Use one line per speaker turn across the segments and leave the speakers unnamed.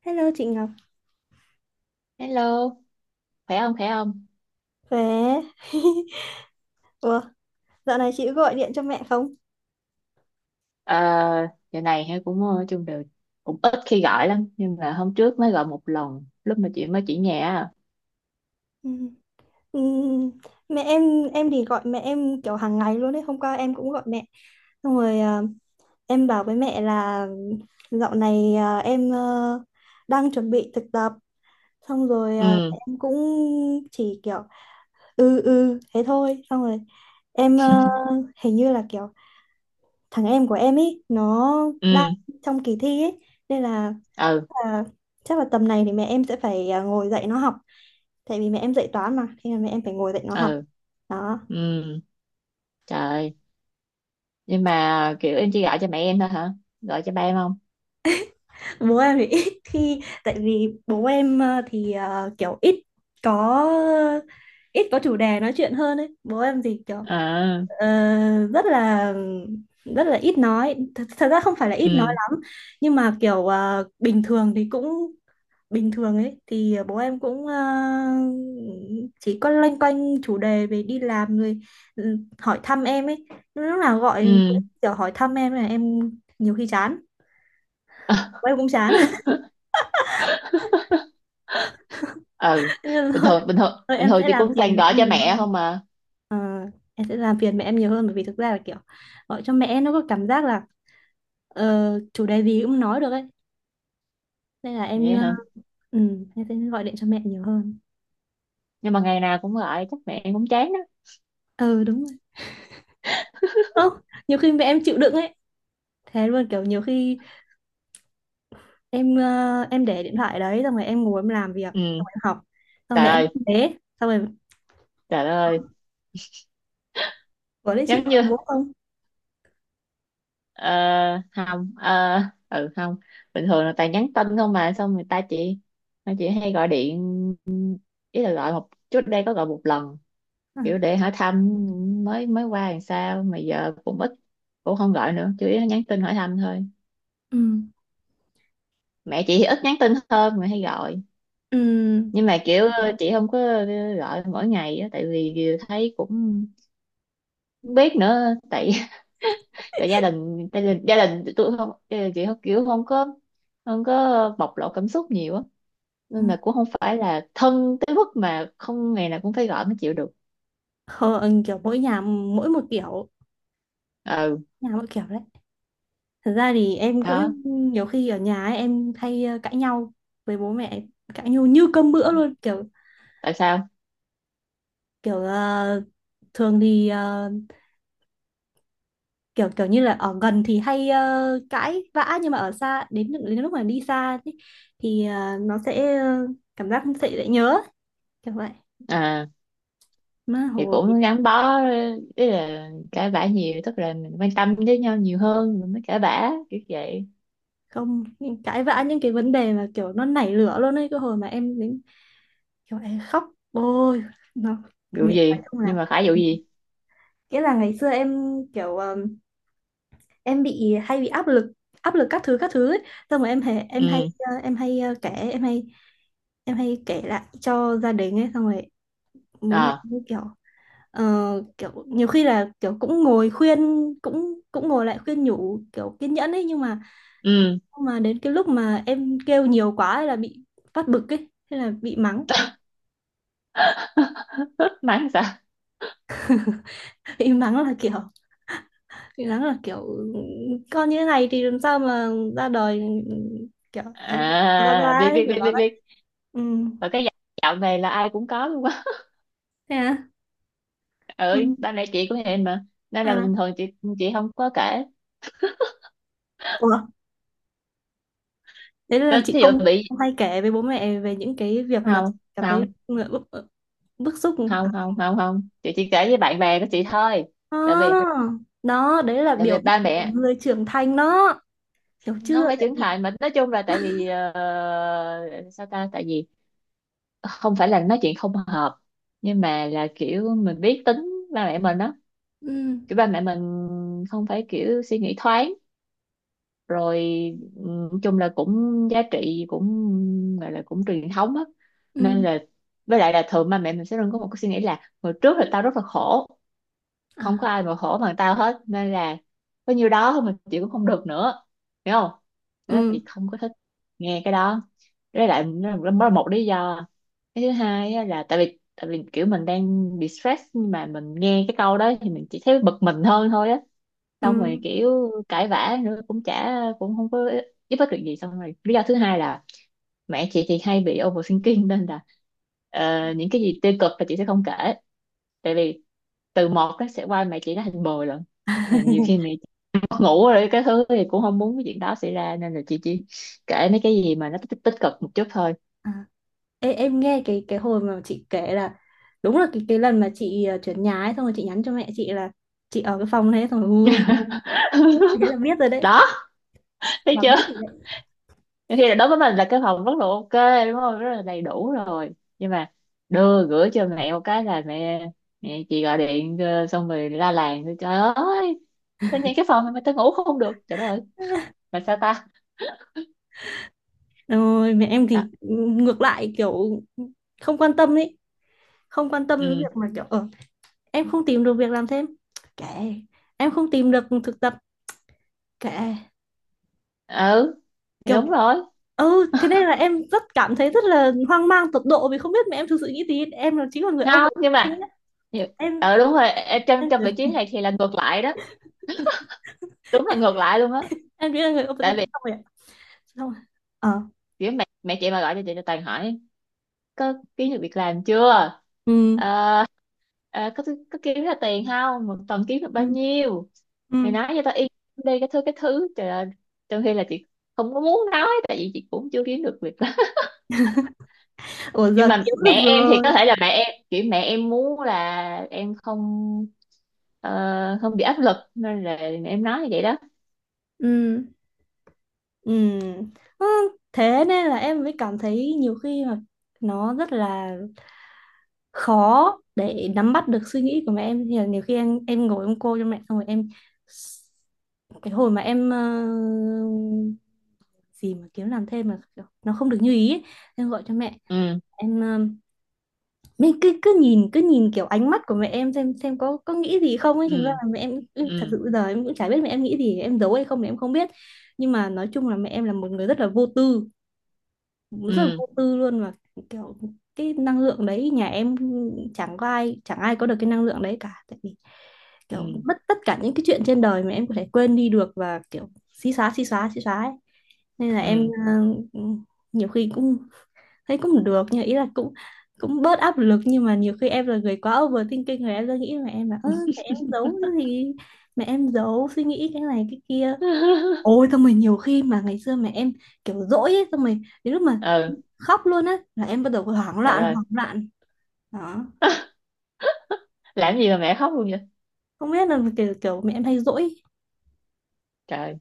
Hello chị Ngọc,
Hello, khỏe không khỏe không?
khỏe. Ủa, dạo này chị có gọi điện cho mẹ không?
Ờ, giờ này hay cũng chung đều cũng ít khi gọi lắm nhưng mà hôm trước mới gọi một lần lúc mà chị mới chỉ nhà á.
Ừ. Ừ, Mẹ em thì gọi mẹ em kiểu hàng ngày luôn đấy. Hôm qua em cũng gọi mẹ. Xong rồi à, em bảo với mẹ là dạo này à, em đang chuẩn bị thực tập. Xong rồi à,
Ừ,
em cũng chỉ kiểu ừ ừ thế thôi. Xong rồi em hình như là kiểu thằng em của em ấy nó đang
ừ,
trong kỳ thi ấy, nên là
ừ,
là chắc là tầm này thì mẹ em sẽ phải ngồi dạy nó học, tại vì mẹ em dạy toán, mà thế là mẹ em phải ngồi dạy nó học
ừ,
đó.
ừ, trời ơi. Nhưng mà kiểu em chỉ gọi cho mẹ em thôi hả? Gọi cho ba em không?
Bố em thì ít khi, tại vì bố em à, thì kiểu có ít có chủ đề nói chuyện hơn ấy. Bố em thì kiểu
À,
Ờ, rất là ít nói thật, thật ra không phải là ít nói
ừ,
lắm, nhưng mà kiểu bình thường thì cũng bình thường ấy, thì bố em cũng chỉ có loanh quanh chủ đề về đi làm rồi, ừ, hỏi thăm em ấy, lúc nào gọi
ừ,
cũng kiểu hỏi thăm em là em, nhiều khi chán, bố em cũng chán.
ừ,
Thế nên
bình
thôi
thường bình thường
thôi
bình
em
thường
sẽ
chị
làm
cũng
phiền
toàn
mẹ
gọi
em
cho
nhiều
mẹ
hơn.
không mà.
Ờ, em sẽ làm phiền mẹ em nhiều hơn, bởi vì thực ra là kiểu gọi cho mẹ nó có cảm giác là chủ đề gì cũng nói được ấy. Nên là
Vậy hả?
ừ, em sẽ gọi điện cho mẹ nhiều hơn.
Nhưng mà ngày nào cũng gọi chắc mẹ em cũng chán đó.
Ừ, đúng rồi. Ơ, nhiều khi mẹ em chịu đựng ấy. Thế luôn kiểu nhiều khi em để điện thoại đấy, xong rồi em ngồi em làm việc, xong
Ừ,
rồi em học. Xong rồi
trời
mẹ em
ơi,
cũng thế, xong rồi
trời ơi,
có đấy. Chị
giống
gọi
như.
bố không?
Ờ, không, ừ, không, bình thường là toàn nhắn tin không mà xong người ta chỉ người chị hay gọi điện, ý là gọi một trước đây có gọi một lần
À,
kiểu để hỏi thăm mới mới qua làm sao mà giờ cũng ít, cũng không gọi nữa, chủ yếu là nhắn tin hỏi thăm thôi.
ừ.
Mẹ chị thì ít nhắn tin hơn mà hay gọi,
Ừ.
nhưng mà kiểu chị không có gọi mỗi ngày á, tại vì thấy cũng không biết nữa tại tại gia đình gia đình tôi không, gia đình chị không kiểu không có, không có bộc lộ cảm xúc nhiều á,
Ừ.
nên là cũng không phải là thân tới mức mà không ngày nào cũng phải gọi mới chịu được.
Không, kiểu mỗi nhà mỗi một kiểu,
Ừ,
nhà mỗi kiểu đấy. Thật ra thì em
đó,
cũng nhiều khi ở nhà ấy, em hay cãi nhau với bố mẹ, cãi nhau như cơm bữa luôn, kiểu
tại sao?
kiểu thường thì kiểu kiểu như là ở gần thì hay cãi vã, nhưng mà ở xa, đến đến lúc mà đi xa thì nó sẽ cảm giác sẽ dễ nhớ kiểu vậy.
À,
Mà
thì
hồi
cũng gắn bó, ý là cãi vã nhiều tức là mình quan tâm với nhau nhiều hơn mình mới cãi vã kiểu vậy.
không những cãi vã những cái vấn đề mà kiểu nó nảy lửa luôn ấy, cái hồi mà em đến kiểu em khóc, ôi nó
Vụ
nghiện phải
gì,
không, là
nhưng mà phải vụ gì?
nghĩa là ngày xưa em kiểu em bị hay bị áp lực, áp lực các thứ ấy. Xong rồi em hay
Ừ,
kể em hay kể lại cho gia đình ấy, xong rồi bố mẹ
ờ,
cũng kiểu Ờ, kiểu nhiều khi là kiểu cũng ngồi khuyên, cũng cũng ngồi lại khuyên nhủ kiểu kiên nhẫn ấy, nhưng mà
ừ,
đến cái lúc mà em kêu nhiều quá ấy là bị phát bực ấy, thế là bị mắng.
mắng sao?
Bị mắng là kiểu, bị mắng là kiểu con như thế này thì làm sao mà ra đời, kiểu đấy, ra
À,
ra
biết
ấy
biết
kiểu
biết
đó
biết
đấy.
biết,
Ừ.
và cái giọng này là ai cũng có luôn.
Thế à?
Ừ,
Ừ.
ba mẹ chị cũng vậy mà, nên là
À.
bình thường chị không có kể.
Ủa, thế là chị
Thí
không
dụ bị,
không hay kể với bố mẹ về những cái
không
việc mà chị cảm thấy
không
bức bức xúc à?
không không, không chị chỉ kể với bạn bè của chị thôi, tại
Đó,
vì
đó đấy là biểu
ba
hiện của
mẹ
người trưởng thành đó, hiểu
không
chưa,
phải
tại
trưởng
vì
thành mà nói chung là tại vì sao ta, tại vì không phải là nói chuyện không hợp, nhưng mà là kiểu mình biết tính ba mẹ mình đó,
ừ.
kiểu ba mẹ mình không phải kiểu suy nghĩ thoáng, rồi chung là cũng giá trị cũng gọi là cũng truyền thống á. Nên
Ừ.
là, với lại là thường ba mẹ mình sẽ luôn có một cái suy nghĩ là hồi trước là tao rất là khổ, không có
À.
ai mà khổ bằng tao hết, nên là có nhiêu đó thôi mà chị cũng không được nữa, hiểu không? Thế là
Ừ.
chị không có thích nghe cái đó, với lại nó là một lý do. Cái thứ hai á là tại vì kiểu mình đang bị stress nhưng mà mình nghe cái câu đó thì mình chỉ thấy bực mình hơn thôi á,
Ừ.
xong rồi kiểu cãi vã nữa cũng chả cũng không có giúp ích được gì. Xong rồi lý do thứ hai là mẹ chị thì hay bị overthinking, nên là những cái gì tiêu cực là chị sẽ không kể, tại vì từ một nó sẽ qua mẹ chị nó thành mười lần. Là nhiều khi mẹ chị mất ngủ rồi cái thứ thì cũng không muốn cái chuyện đó xảy ra, nên là chị chỉ kể mấy cái gì mà nó tích, tích cực một chút thôi.
À. Ê, em nghe cái hồi mà chị kể là, đúng là cái lần mà chị chuyển nhà ấy, xong rồi chị nhắn cho mẹ chị là chị ở cái phòng đấy, xong rồi ui, thế là biết rồi đấy,
Đó, thấy
là
chưa?
biết rồi đấy.
Nhiều khi là đối với mình là cái phòng rất là ok đúng không, rất là đầy đủ rồi, nhưng mà đưa gửi cho mẹ một cái là mẹ mẹ chị gọi điện xong rồi la làng trời ơi, tao nhìn cái phòng này mà tao ngủ không được, trời đất ơi, mà sao ta.
Rồi mẹ em
À,
thì ngược lại, kiểu không quan tâm ấy, không quan tâm đến
ừ,
việc mà kiểu ở em không tìm được việc làm thêm, kệ, em không tìm được thực tập, kệ,
ừ, thì
kiểu.
đúng rồi.
Ừ, thế nên là em rất cảm thấy rất là hoang mang tột độ, vì không biết mẹ em thực sự nghĩ gì. Em là chính là người
Không nhưng
overthinking
mà
á.
nhiều-
em
ờ đúng rồi, trong
em
trong vị trí này thì là ngược lại đó, đúng là ngược lại luôn á.
em nghĩ là người
Tại
overthinking,
vì
xong rồi ạ, xong rồi, ờ,
kiểu mẹ mẹ chị mà gọi cho chị là toàn hỏi có kiếm được việc làm chưa,
ừ.
Ờ, ờ, có có kiếm ra tiền không, một tuần kiếm được bao
Ừ.
nhiêu,
Ừ.
mày nói cho tao yên tâm đi, cái thứ trời ơi, trong khi là chị không có muốn nói tại vì chị cũng chưa kiếm được việc làm.
Ủa,
Nhưng
giờ
mà
kiếm
mẹ
được
em thì có
rồi.
thể là mẹ em kiểu mẹ em muốn là em không ờ, không bị áp lực nên là mẹ em nói như vậy đó.
Ừ. Ừ. Ừ, thế nên là em mới cảm thấy nhiều khi mà nó rất là khó để nắm bắt được suy nghĩ của mẹ em, thì là nhiều khi em ngồi em cô cho mẹ, xong rồi em, cái hồi mà em gì mà kiếm làm thêm mà nó không được như ý ấy. Em gọi cho mẹ,
Ừ,
em mình cứ cứ nhìn, cứ nhìn kiểu ánh mắt của mẹ em, xem có nghĩ gì không ấy, thành ra
ừ,
là mẹ em thật
ừ,
sự bây giờ em cũng chả biết mẹ em nghĩ gì, em giấu hay không thì em không biết. Nhưng mà nói chung là mẹ em là một người rất là vô tư, rất là
ừ,
vô tư luôn, và kiểu cái năng lượng đấy, nhà em chẳng có ai, chẳng ai có được cái năng lượng đấy cả. Tại vì kiểu
ừ,
mất tất cả những cái chuyện trên đời mà em có thể quên đi được, và kiểu xí xóa xí xóa xí xóa ấy. Nên là em
ừ,
ờ, nhiều khi cũng thấy cũng được, nhưng ý là cũng cũng bớt áp lực, nhưng mà nhiều khi em là người quá overthinking rồi, em ra nghĩ mà em là ơ, mẹ em giấu cái gì, mẹ em giấu suy nghĩ cái này cái kia. Ôi xong rồi nhiều khi mà ngày xưa mẹ em kiểu dỗi ấy, xong rồi đến lúc mà
ừ,
khóc luôn á, là em bắt đầu
trời ơi,
hoảng loạn đó,
làm gì mà mẹ khóc luôn vậy?
không biết là kiểu kiểu mẹ em hay dỗi,
Trời,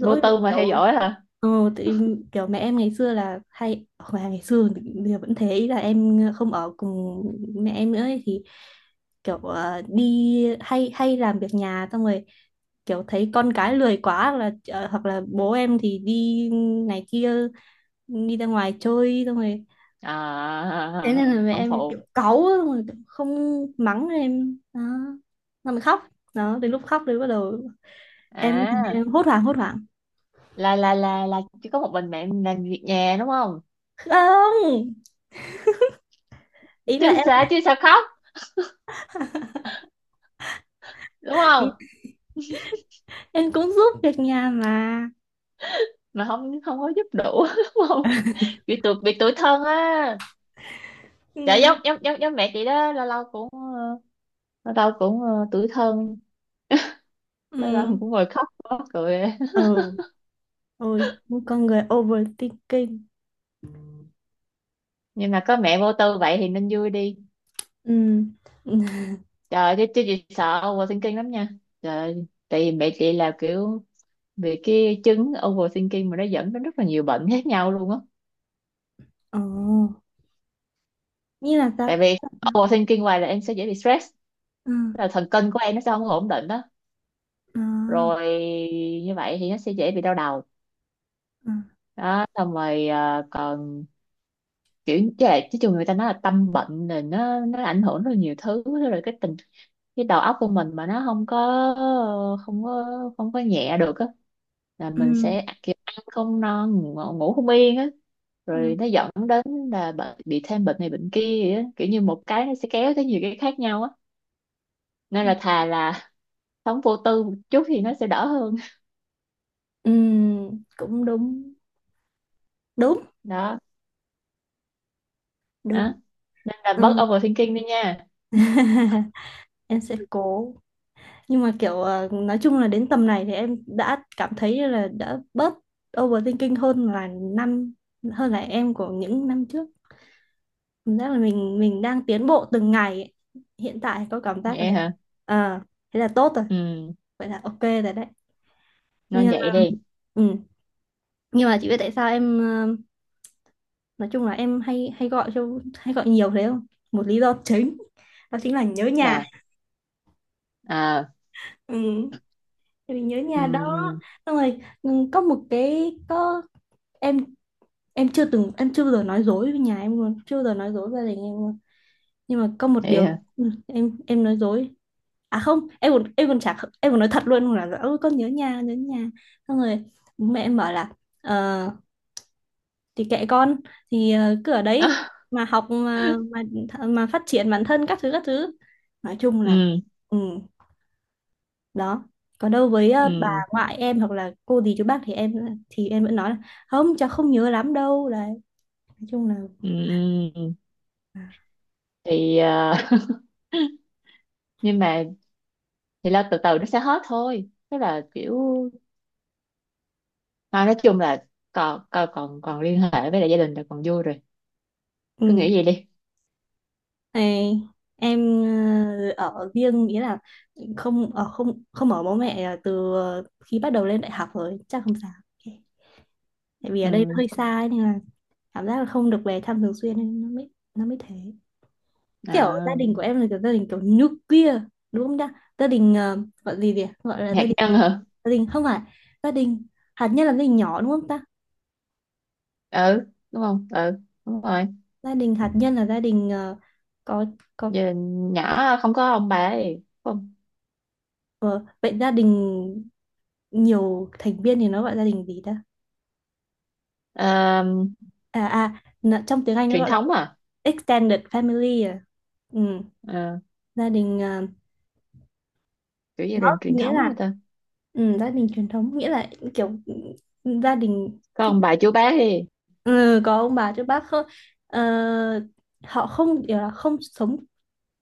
vô
vì
tư mà theo
kiểu
dõi hả?
ừ, thì kiểu mẹ em ngày xưa là hay, hoặc là ngày xưa thì bây giờ vẫn thế, ý là em không ở cùng mẹ em nữa ấy, thì kiểu đi hay hay làm việc nhà xong rồi kiểu thấy con cái lười quá, hoặc là hoặc là bố em thì đi này kia, đi ra ngoài chơi xong rồi,
À
thế nên là mẹ
không
em
phụ,
kiểu cáu á, mà kiểu không mắng em đó, mà mình khóc đó, đến lúc khóc thì bắt đầu em
à
em hốt hoảng hốt hoảng.
là chỉ có một mình mẹ làm việc nhà đúng không?
Không, ý là
Chứ sao,
em
chứ sao khóc, đúng
ý,
không?
em cũng giúp việc nhà mà.
Mà không không có giúp đủ, đúng không, bị tụt bị tủi thân á.
Ừ.
Dạ giống giống giống giống mẹ chị đó, lâu lâu cũng lâu lâu cũng tủi thân, lâu lâu
Ừ.
cũng ngồi khóc mắc cười.
Ừ. Ôi một con người overthinking.
Nhưng mà có mẹ vô tư vậy thì nên vui đi.
Ừ. Ừ.
Trời chứ chứ chị sợ overthinking lắm nha. Trời, tại vì mẹ chị là kiểu vì cái chứng overthinking mà nó dẫn đến rất là nhiều bệnh khác nhau luôn á.
Ồ, như là sao?
Tại vì overthinking hoài là em sẽ dễ bị stress,
Ừ.
tức là thần kinh của em nó sẽ không có ổn định đó,
Ừ.
rồi như vậy thì nó sẽ dễ bị đau đầu.
Ừ.
Đó, xong rồi còn kiểu chứ là chứ chung người ta nói là tâm bệnh là nó ảnh hưởng rất là nhiều thứ. Rồi cái tình đầu óc của mình mà nó không có không có không có nhẹ được á, là
Ừ.
mình sẽ kiểu ăn không no ngủ, ngủ không yên á,
Ừ.
rồi nó dẫn đến là bị thêm bệnh này bệnh kia vậy á. Kiểu như một cái nó sẽ kéo tới nhiều cái khác nhau á, nên
Ừ.
là thà là sống vô tư một chút thì nó sẽ đỡ hơn.
Ừ, cũng đúng, đúng,
Đó,
đúng.
đó, nên là bớt
Ừ.
overthinking đi nha.
Em sẽ cố, nhưng mà kiểu nói chung là đến tầm này thì em đã cảm thấy là đã bớt overthinking năm hơn là em của những năm trước, cảm giác là mình đang tiến bộ từng ngày ấy. Hiện tại có cảm giác là
Vậy hả,
ờ, thế là tốt rồi.
ừ,
Vậy là ok rồi đấy.
nên
Nhưng
vậy đi.
ừ. Nhưng mà chị biết tại sao em nói chung là em hay hay gọi cho, hay gọi nhiều thế không? Một lý do chính, đó chính là nhớ nhà.
Là, à,
Ừ. Tại vì nhớ nhà đó,
ừ,
xong rồi ừ, có một cái có em chưa từng, em chưa bao giờ nói dối với nhà em luôn, chưa bao giờ nói dối với gia đình em luôn. Nhưng mà có một
vậy
điều
hả,
ừ, em nói dối, à không, em còn, em còn chả, em còn nói thật luôn là ôi con nhớ nhà, nhớ nhà, xong rồi bố mẹ em bảo là ờ, thì kệ con, thì cứ ở đấy mà học, mà mà phát triển bản thân các thứ các thứ, nói chung là
ừ,
ừ, đó, còn đâu với bà
ừ,
ngoại em hoặc là cô dì chú bác thì thì em vẫn nói là không, cháu không nhớ lắm đâu đấy, nói chung là.
ừ, ừ.
À,
Thì nhưng mà thì lo từ từ nó sẽ hết thôi, tức là kiểu mà nói chung là còn còn còn, còn liên hệ với lại gia đình là còn vui rồi, cứ
ừ.
nghĩ vậy đi.
Này, em ở riêng nghĩa là không ở, không không ở bố mẹ từ khi bắt đầu lên đại học rồi chắc không sao. Ok. Tại vì ở đây nó
Ừ,
hơi xa ấy, nên là cảm giác là không được về thăm thường xuyên, nên nó mới thế. Kiểu gia
à,
đình của em là kiểu gia đình kiểu nuclear, đúng không ta? Gia đình gọi gì vậy, gọi là
hạt
gia đình,
nhân hả?
gia đình không phải, gia đình hạt nhân là gia đình nhỏ đúng không ta?
Ừ đúng không, ừ đúng rồi.
Gia đình hạt nhân là gia đình có có
Giờ nhỏ không có ông bà ấy không?
ờ, vậy gia đình nhiều thành viên thì nó gọi gia đình gì ta?
À,
À à, trong tiếng Anh nó
truyền
gọi là
thống à?
extended family à, ừ,
Ờ,
gia đình
kiểu gia đình truyền
nghĩa
thống mà
là
ta,
ừ, gia đình truyền thống, nghĩa là kiểu ừ, gia đình
có
cái
ông bà chú bác đi.
ừ, có ông bà chứ bác không, ờ, họ không kiểu là không sống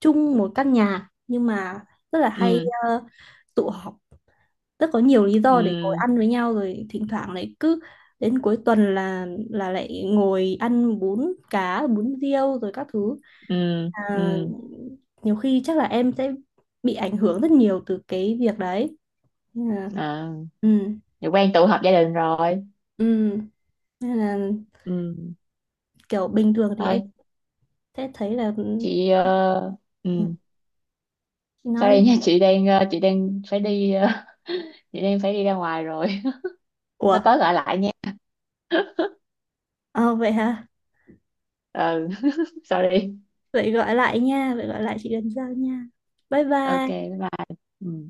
chung một căn nhà, nhưng mà rất là hay
Ừ,
tụ họp, rất có nhiều lý
ừ,
do để ngồi ăn với nhau, rồi thỉnh thoảng lại cứ đến cuối tuần là lại ngồi ăn bún cá bún riêu rồi các thứ.
ừ,
À,
ừ,
nhiều khi chắc là em sẽ bị ảnh hưởng rất nhiều từ cái việc đấy. Nên là,
à,
ừ,
thì quen tụ họp gia đình rồi.
ừ, nên là
Ừ,
kiểu bình thường thì em
thôi
sẽ thấy là
chị
Ừ,
ừ,
chị nói đi.
sorry nha, chị đang chị đang phải đi chị đang phải đi ra ngoài rồi.
Ủa,
Nó có gọi lại nha.
ờ vậy hả,
Ừ, sorry.
vậy gọi lại nha, vậy gọi lại chị lần sau nha, bye
Ok,
bye.
bye bye. Ừ.